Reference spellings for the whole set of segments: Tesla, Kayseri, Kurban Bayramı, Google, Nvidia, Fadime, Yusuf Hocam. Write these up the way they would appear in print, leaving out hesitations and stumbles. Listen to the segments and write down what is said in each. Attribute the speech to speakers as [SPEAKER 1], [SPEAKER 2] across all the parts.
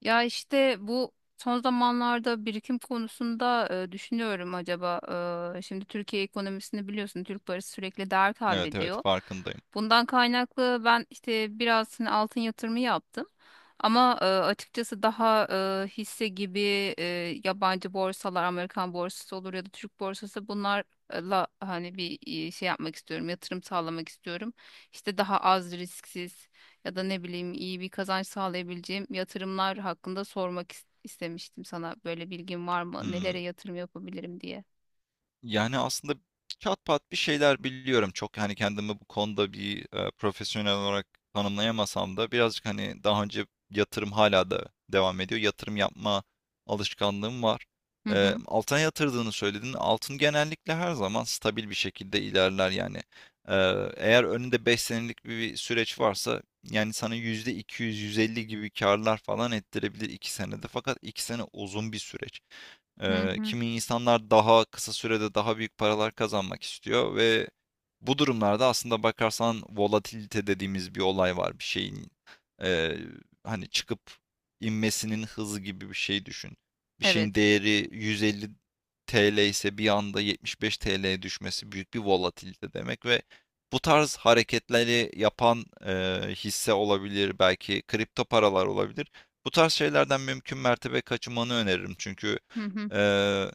[SPEAKER 1] Ya işte bu son zamanlarda birikim konusunda düşünüyorum acaba. Şimdi Türkiye ekonomisini biliyorsun, Türk parası sürekli değer
[SPEAKER 2] Evet, evet
[SPEAKER 1] kaybediyor.
[SPEAKER 2] farkındayım.
[SPEAKER 1] Bundan kaynaklı ben işte biraz hani altın yatırımı yaptım. Ama açıkçası daha hisse gibi e, yabancı borsalar, Amerikan borsası olur ya da Türk borsası bunlarla hani bir şey yapmak istiyorum, yatırım sağlamak istiyorum. İşte daha az risksiz ya da ne bileyim iyi bir kazanç sağlayabileceğim yatırımlar hakkında sormak istemiştim sana. Böyle bilgin var mı?
[SPEAKER 2] Hımm.
[SPEAKER 1] Nelere yatırım yapabilirim diye.
[SPEAKER 2] Yani, aslında çatpat bir şeyler biliyorum. Çok, hani, kendimi bu konuda bir, profesyonel olarak tanımlayamasam da birazcık, hani, daha önce yatırım hala da devam ediyor. Yatırım yapma alışkanlığım var.
[SPEAKER 1] Hı hı.
[SPEAKER 2] Altına yatırdığını söyledin. Altın genellikle her zaman stabil bir şekilde ilerler, yani. Eğer önünde 5 senelik bir süreç varsa, yani, sana %200 yüz elli gibi karlar falan ettirebilir 2 senede. Fakat 2 sene uzun bir süreç.
[SPEAKER 1] Hı hı.
[SPEAKER 2] Kimi insanlar daha kısa sürede daha büyük paralar kazanmak istiyor ve bu durumlarda aslında bakarsan volatilite dediğimiz bir olay var. Bir şeyin eee, hani çıkıp inmesinin hızı gibi bir şey düşün. Bir
[SPEAKER 1] Evet.
[SPEAKER 2] şeyin değeri 150 TL ise bir anda 75 TL'ye düşmesi büyük bir volatilite demek ve bu tarz hareketleri yapan hisse olabilir, belki kripto paralar olabilir. Bu tarz şeylerden mümkün mertebe kaçınmanı öneririm, çünkü
[SPEAKER 1] Hı hı.
[SPEAKER 2] Eee,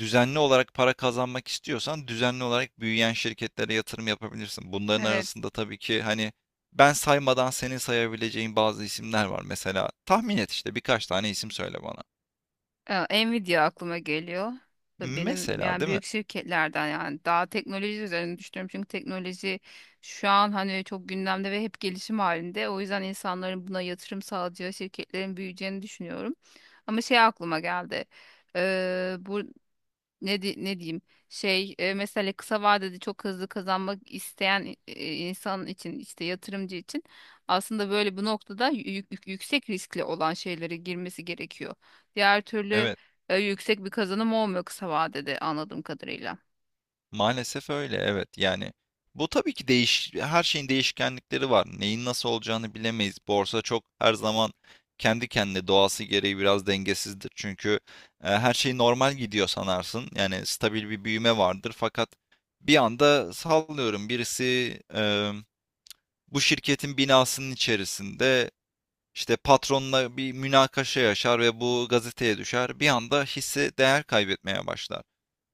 [SPEAKER 2] düzenli olarak para kazanmak istiyorsan düzenli olarak büyüyen şirketlere yatırım yapabilirsin. Bunların
[SPEAKER 1] Evet.
[SPEAKER 2] arasında tabii ki, hani, ben saymadan senin sayabileceğin bazı isimler var. Mesela tahmin et, işte birkaç tane isim söyle bana.
[SPEAKER 1] Nvidia aklıma geliyor. Ve benim
[SPEAKER 2] Mesela,
[SPEAKER 1] yani
[SPEAKER 2] değil mi?
[SPEAKER 1] büyük şirketlerden, yani daha teknoloji üzerine düşünüyorum. Çünkü teknoloji şu an hani çok gündemde ve hep gelişim halinde. O yüzden insanların buna yatırım sağlayacağı şirketlerin büyüyeceğini düşünüyorum. Ama şey aklıma geldi. Bu ne diyeyim, şey, mesela kısa vadede çok hızlı kazanmak isteyen insan için, işte yatırımcı için aslında böyle bu noktada yüksek riskli olan şeylere girmesi gerekiyor. Diğer türlü
[SPEAKER 2] Evet.
[SPEAKER 1] yüksek bir kazanım olmuyor kısa vadede anladığım kadarıyla.
[SPEAKER 2] Maalesef öyle, evet. Yani bu tabii ki her şeyin değişkenlikleri var. Neyin nasıl olacağını bilemeyiz. Borsa çok, her zaman kendi kendine, doğası gereği biraz dengesizdir. Çünkü her şey normal gidiyor sanarsın. Yani stabil bir büyüme vardır, fakat bir anda, sallıyorum, birisi e, bu şirketin binasının içerisinde işte patronla bir münakaşa yaşar ve bu gazeteye düşer. Bir anda hisse değer kaybetmeye başlar.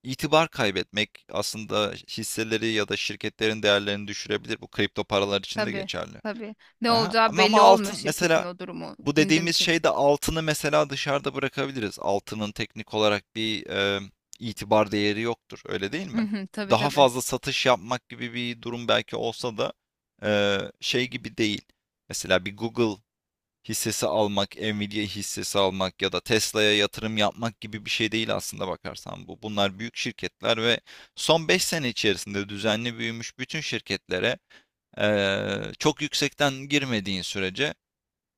[SPEAKER 2] İtibar kaybetmek aslında hisseleri ya da şirketlerin değerlerini düşürebilir. Bu kripto paralar için de
[SPEAKER 1] Tabii,
[SPEAKER 2] geçerli.
[SPEAKER 1] tabii, ne
[SPEAKER 2] Aha.
[SPEAKER 1] olacağı
[SPEAKER 2] Ama,
[SPEAKER 1] belli
[SPEAKER 2] ama
[SPEAKER 1] olmuyor
[SPEAKER 2] altın
[SPEAKER 1] şirketin
[SPEAKER 2] mesela,
[SPEAKER 1] o durumu
[SPEAKER 2] bu
[SPEAKER 1] gündem
[SPEAKER 2] dediğimiz
[SPEAKER 1] içerisinde.
[SPEAKER 2] şeyde altını mesela dışarıda bırakabiliriz. Altının teknik olarak bir itibar değeri yoktur. Öyle değil
[SPEAKER 1] Hı
[SPEAKER 2] mi?
[SPEAKER 1] hı, tabii
[SPEAKER 2] Daha
[SPEAKER 1] tabii.
[SPEAKER 2] fazla satış yapmak gibi bir durum belki olsa da şey gibi değil. Mesela bir Google hissesi almak, Nvidia hissesi almak ya da Tesla'ya yatırım yapmak gibi bir şey değil aslında bakarsan bu. Bunlar büyük şirketler ve son 5 sene içerisinde düzenli büyümüş bütün şirketlere çok yüksekten girmediğin sürece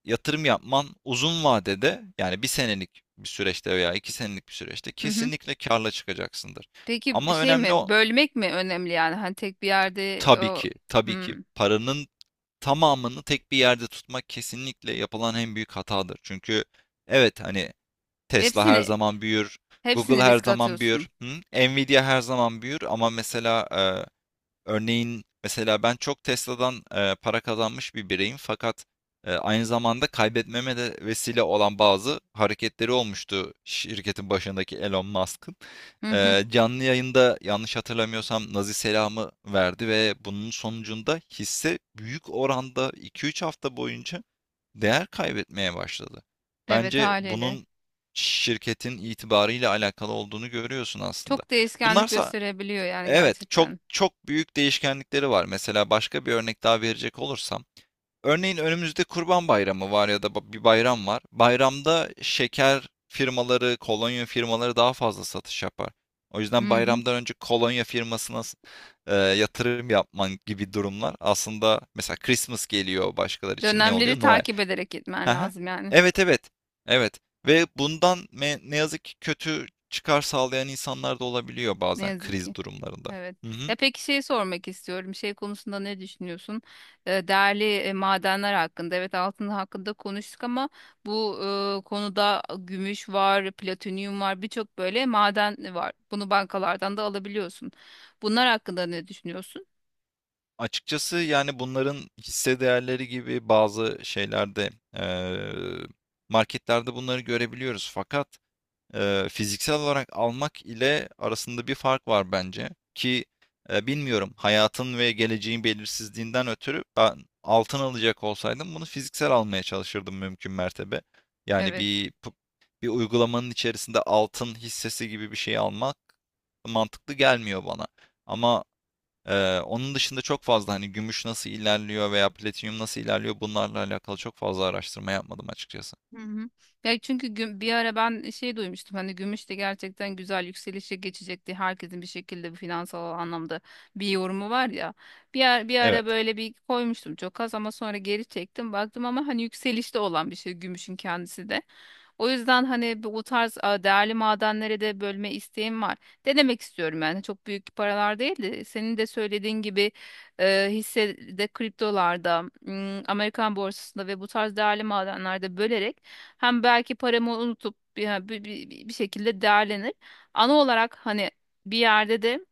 [SPEAKER 2] yatırım yapman uzun vadede, yani bir senelik bir süreçte veya 2 senelik bir süreçte,
[SPEAKER 1] Hı hı.
[SPEAKER 2] kesinlikle karla çıkacaksındır.
[SPEAKER 1] Peki bir
[SPEAKER 2] Ama
[SPEAKER 1] şey
[SPEAKER 2] önemli
[SPEAKER 1] mi?
[SPEAKER 2] o,
[SPEAKER 1] Bölmek mi önemli yani? Hani tek bir yerde
[SPEAKER 2] tabii
[SPEAKER 1] o
[SPEAKER 2] ki, tabii ki
[SPEAKER 1] hmm.
[SPEAKER 2] paranın tamamını tek bir yerde tutmak kesinlikle yapılan en büyük hatadır. Çünkü, evet, hani, Tesla her
[SPEAKER 1] Hepsini
[SPEAKER 2] zaman büyür, Google
[SPEAKER 1] hepsini
[SPEAKER 2] her
[SPEAKER 1] riske
[SPEAKER 2] zaman
[SPEAKER 1] atıyorsun.
[SPEAKER 2] büyür, hı? Nvidia her zaman büyür ama mesela, örneğin, mesela ben çok Tesla'dan para kazanmış bir bireyim, fakat aynı zamanda kaybetmeme de vesile olan bazı hareketleri olmuştu şirketin başındaki Elon Musk'ın.
[SPEAKER 1] Hı hı.
[SPEAKER 2] Canlı yayında, yanlış hatırlamıyorsam, Nazi selamı verdi ve bunun sonucunda hisse büyük oranda 2-3 hafta boyunca değer kaybetmeye başladı.
[SPEAKER 1] Evet,
[SPEAKER 2] Bence
[SPEAKER 1] haliyle.
[SPEAKER 2] bunun şirketin itibarıyla alakalı olduğunu görüyorsun aslında.
[SPEAKER 1] Çok değişkenlik
[SPEAKER 2] Bunlarsa,
[SPEAKER 1] gösterebiliyor yani
[SPEAKER 2] evet, çok
[SPEAKER 1] gerçekten.
[SPEAKER 2] çok büyük değişkenlikleri var. Mesela başka bir örnek daha verecek olursam, örneğin önümüzde Kurban Bayramı var ya da bir bayram var. Bayramda şeker firmaları, kolonya firmaları daha fazla satış yapar. O yüzden
[SPEAKER 1] Hı hı.
[SPEAKER 2] bayramdan önce kolonya firmasına yatırım yapman gibi durumlar aslında. Mesela Christmas geliyor, başkaları için ne
[SPEAKER 1] Dönemleri
[SPEAKER 2] oluyor? Noel.
[SPEAKER 1] takip ederek
[SPEAKER 2] Hı
[SPEAKER 1] gitmen
[SPEAKER 2] hı.
[SPEAKER 1] lazım yani.
[SPEAKER 2] Evet, evet. Evet, ve bundan, ne yazık ki, kötü çıkar sağlayan insanlar da olabiliyor
[SPEAKER 1] Ne
[SPEAKER 2] bazen
[SPEAKER 1] yazık
[SPEAKER 2] kriz
[SPEAKER 1] ki.
[SPEAKER 2] durumlarında.
[SPEAKER 1] Evet.
[SPEAKER 2] Hı hı.
[SPEAKER 1] Ya peki şey sormak istiyorum. Şey konusunda ne düşünüyorsun? Değerli madenler hakkında. Evet, altın hakkında konuştuk ama bu konuda gümüş var, platinyum var, birçok böyle maden var. Bunu bankalardan da alabiliyorsun. Bunlar hakkında ne düşünüyorsun?
[SPEAKER 2] Açıkçası, yani, bunların hisse değerleri gibi bazı şeylerde, eee, marketlerde bunları görebiliyoruz, fakat fiziksel olarak almak ile arasında bir fark var bence. Ki bilmiyorum, hayatın ve geleceğin belirsizliğinden ötürü ben altın alacak olsaydım bunu fiziksel almaya çalışırdım mümkün mertebe. Yani
[SPEAKER 1] Evet.
[SPEAKER 2] bir uygulamanın içerisinde altın hissesi gibi bir şey almak mantıklı gelmiyor bana. Ama onun dışında çok fazla, hani, gümüş nasıl ilerliyor veya platinyum nasıl ilerliyor, bunlarla alakalı çok fazla araştırma yapmadım açıkçası.
[SPEAKER 1] Hı hı. Ya çünkü bir ara ben şey duymuştum hani gümüş de gerçekten güzel yükselişe geçecekti. Herkesin bir şekilde bir finansal anlamda bir yorumu var ya. Bir ara
[SPEAKER 2] Evet.
[SPEAKER 1] böyle bir koymuştum çok az ama sonra geri çektim. Baktım ama hani yükselişte olan bir şey gümüşün kendisi de. O yüzden hani bu tarz değerli madenlere de bölme isteğim var. Denemek istiyorum yani, çok büyük paralar değil de, senin de söylediğin gibi hissede, kriptolarda, Amerikan borsasında ve bu tarz değerli madenlerde bölerek hem belki paramı unutup bir şekilde değerlenir. Ana olarak hani bir yerde de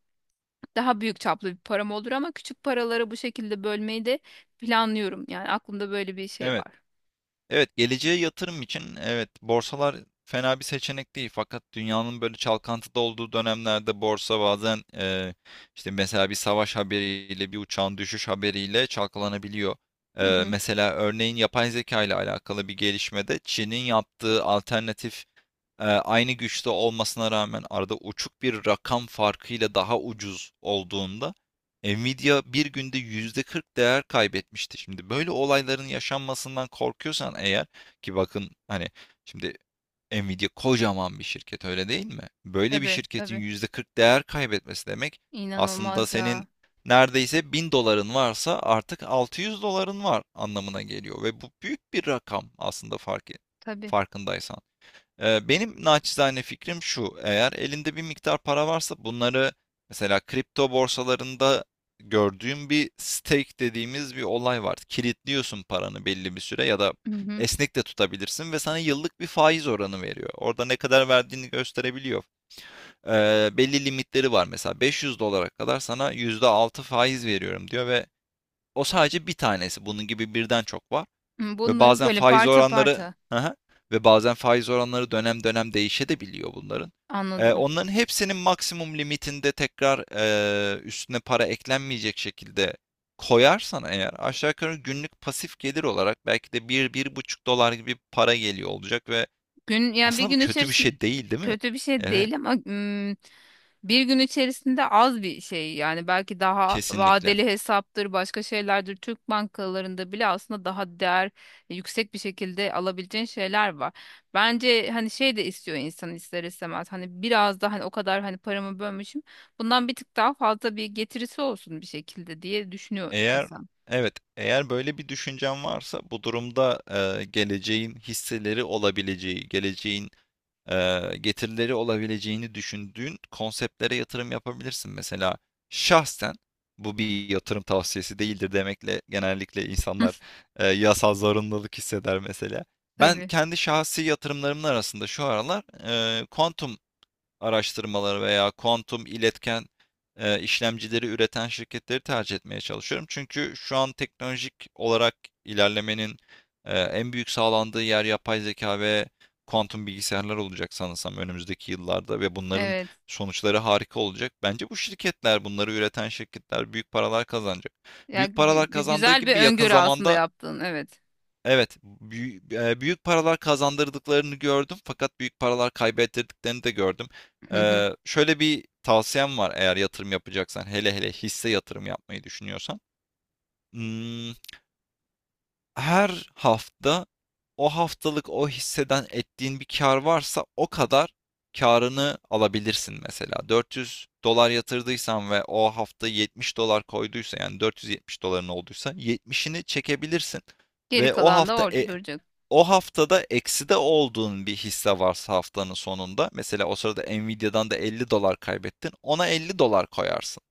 [SPEAKER 1] daha büyük çaplı bir param olur, ama küçük paraları bu şekilde bölmeyi de planlıyorum. Yani aklımda böyle bir şey
[SPEAKER 2] Evet.
[SPEAKER 1] var.
[SPEAKER 2] Evet, geleceğe yatırım için, evet, borsalar fena bir seçenek değil. Fakat dünyanın böyle çalkantıda olduğu dönemlerde borsa bazen işte, mesela bir savaş haberiyle, bir uçağın düşüş haberiyle çalkalanabiliyor.
[SPEAKER 1] Hı hı.
[SPEAKER 2] Mesela, örneğin, yapay zeka ile alakalı bir gelişmede Çin'in yaptığı alternatif, aynı güçte olmasına rağmen arada uçuk bir rakam farkıyla daha ucuz olduğunda, Nvidia bir günde %40 değer kaybetmişti. Şimdi böyle olayların yaşanmasından korkuyorsan eğer, ki bakın, hani, şimdi Nvidia kocaman bir şirket, öyle değil mi? Böyle bir
[SPEAKER 1] Tabii
[SPEAKER 2] şirketin
[SPEAKER 1] tabii.
[SPEAKER 2] %40 değer kaybetmesi demek aslında
[SPEAKER 1] İnanılmaz ya.
[SPEAKER 2] senin neredeyse 1.000 doların varsa artık 600 doların var anlamına geliyor ve bu büyük bir rakam aslında,
[SPEAKER 1] Tabii.
[SPEAKER 2] farkındaysan. Benim naçizane fikrim şu: eğer elinde bir miktar para varsa, bunları mesela kripto borsalarında gördüğüm bir stake dediğimiz bir olay var. Kilitliyorsun paranı belli bir süre, ya da
[SPEAKER 1] Hı hı.
[SPEAKER 2] esnek de tutabilirsin, ve sana yıllık bir faiz oranı veriyor. Orada ne kadar verdiğini gösterebiliyor. Belli limitleri var, mesela 500 dolara kadar sana %6 faiz veriyorum diyor ve o sadece bir tanesi. Bunun gibi birden çok var.
[SPEAKER 1] Hı,
[SPEAKER 2] Ve
[SPEAKER 1] bunları
[SPEAKER 2] bazen
[SPEAKER 1] böyle
[SPEAKER 2] faiz
[SPEAKER 1] parça
[SPEAKER 2] oranları
[SPEAKER 1] parça
[SPEAKER 2] Hı. Ve bazen faiz oranları dönem dönem değişebiliyor bunların.
[SPEAKER 1] anladım.
[SPEAKER 2] Onların hepsinin maksimum limitinde, tekrar üstüne para eklenmeyecek şekilde koyarsan eğer, aşağı yukarı günlük pasif gelir olarak belki de bir bir buçuk dolar gibi para geliyor olacak ve
[SPEAKER 1] Gün, ya bir
[SPEAKER 2] aslında bu
[SPEAKER 1] gün
[SPEAKER 2] kötü bir
[SPEAKER 1] içerisinde
[SPEAKER 2] şey değil, değil mi?
[SPEAKER 1] kötü bir şey
[SPEAKER 2] Evet,
[SPEAKER 1] değil ama bir gün içerisinde az bir şey yani, belki daha
[SPEAKER 2] kesinlikle.
[SPEAKER 1] vadeli hesaptır, başka şeylerdir, Türk bankalarında bile aslında daha değer yüksek bir şekilde alabileceğin şeyler var. Bence hani şey de istiyor insan ister istemez, hani biraz daha hani o kadar hani paramı bölmüşüm bundan bir tık daha fazla bir getirisi olsun bir şekilde diye düşünüyor
[SPEAKER 2] Eğer
[SPEAKER 1] insan.
[SPEAKER 2] evet, eğer böyle bir düşüncen varsa, bu durumda geleceğin hisseleri olabileceği, geleceğin getirileri olabileceğini düşündüğün konseptlere yatırım yapabilirsin. Mesela şahsen, bu bir yatırım tavsiyesi değildir demekle genellikle insanlar yasal zorunluluk hisseder mesela. Ben
[SPEAKER 1] Tabii,
[SPEAKER 2] kendi şahsi yatırımlarımın arasında şu aralar kuantum araştırmaları veya kuantum iletken işlemcileri üreten şirketleri tercih etmeye çalışıyorum. Çünkü şu an teknolojik olarak ilerlemenin en büyük sağlandığı yer yapay zeka ve kuantum bilgisayarlar olacak sanırsam önümüzdeki yıllarda, ve bunların
[SPEAKER 1] evet
[SPEAKER 2] sonuçları harika olacak. Bence bu şirketler, bunları üreten şirketler büyük paralar kazanacak.
[SPEAKER 1] ya,
[SPEAKER 2] Büyük paralar kazandığı
[SPEAKER 1] güzel bir
[SPEAKER 2] gibi yakın
[SPEAKER 1] öngörü aslında
[SPEAKER 2] zamanda.
[SPEAKER 1] yaptığın, evet.
[SPEAKER 2] Evet, büyük paralar kazandırdıklarını gördüm, fakat büyük paralar kaybettirdiklerini de gördüm. Şöyle bir tavsiyem var, eğer yatırım yapacaksan, hele hele hisse yatırım yapmayı düşünüyorsan. Hmm, Her hafta, o haftalık o hisseden ettiğin bir kar varsa, o kadar karını alabilirsin mesela. 400 dolar yatırdıysan ve o hafta 70 dolar koyduysa, yani 470 doların olduysa, 70'ini çekebilirsin
[SPEAKER 1] Geri
[SPEAKER 2] ve o
[SPEAKER 1] kalan da
[SPEAKER 2] hafta,
[SPEAKER 1] orada duracak,
[SPEAKER 2] o haftada ekside olduğun bir hisse varsa, haftanın sonunda mesela, o sırada Nvidia'dan da 50 dolar kaybettin, ona 50 dolar koyarsın.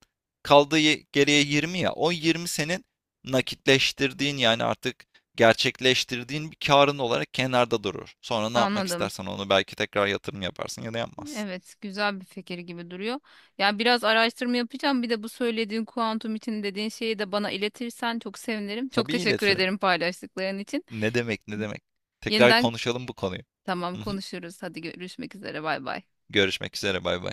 [SPEAKER 2] Kaldığı geriye 20, ya, o 20 senin nakitleştirdiğin, yani artık gerçekleştirdiğin bir karın olarak kenarda durur. Sonra ne yapmak
[SPEAKER 1] anladım.
[SPEAKER 2] istersen onu belki tekrar yatırım yaparsın ya da yapmazsın.
[SPEAKER 1] Evet, güzel bir fikir gibi duruyor. Ya biraz araştırma yapacağım. Bir de bu söylediğin kuantum için dediğin şeyi de bana iletirsen çok sevinirim. Çok
[SPEAKER 2] Tabii
[SPEAKER 1] teşekkür
[SPEAKER 2] iletirim.
[SPEAKER 1] ederim paylaştıkların için.
[SPEAKER 2] Ne demek, ne demek. Tekrar
[SPEAKER 1] Yeniden,
[SPEAKER 2] konuşalım bu konuyu.
[SPEAKER 1] tamam,
[SPEAKER 2] Hı hı.
[SPEAKER 1] konuşuruz. Hadi görüşmek üzere. Bay bay.
[SPEAKER 2] Görüşmek üzere, bay bay.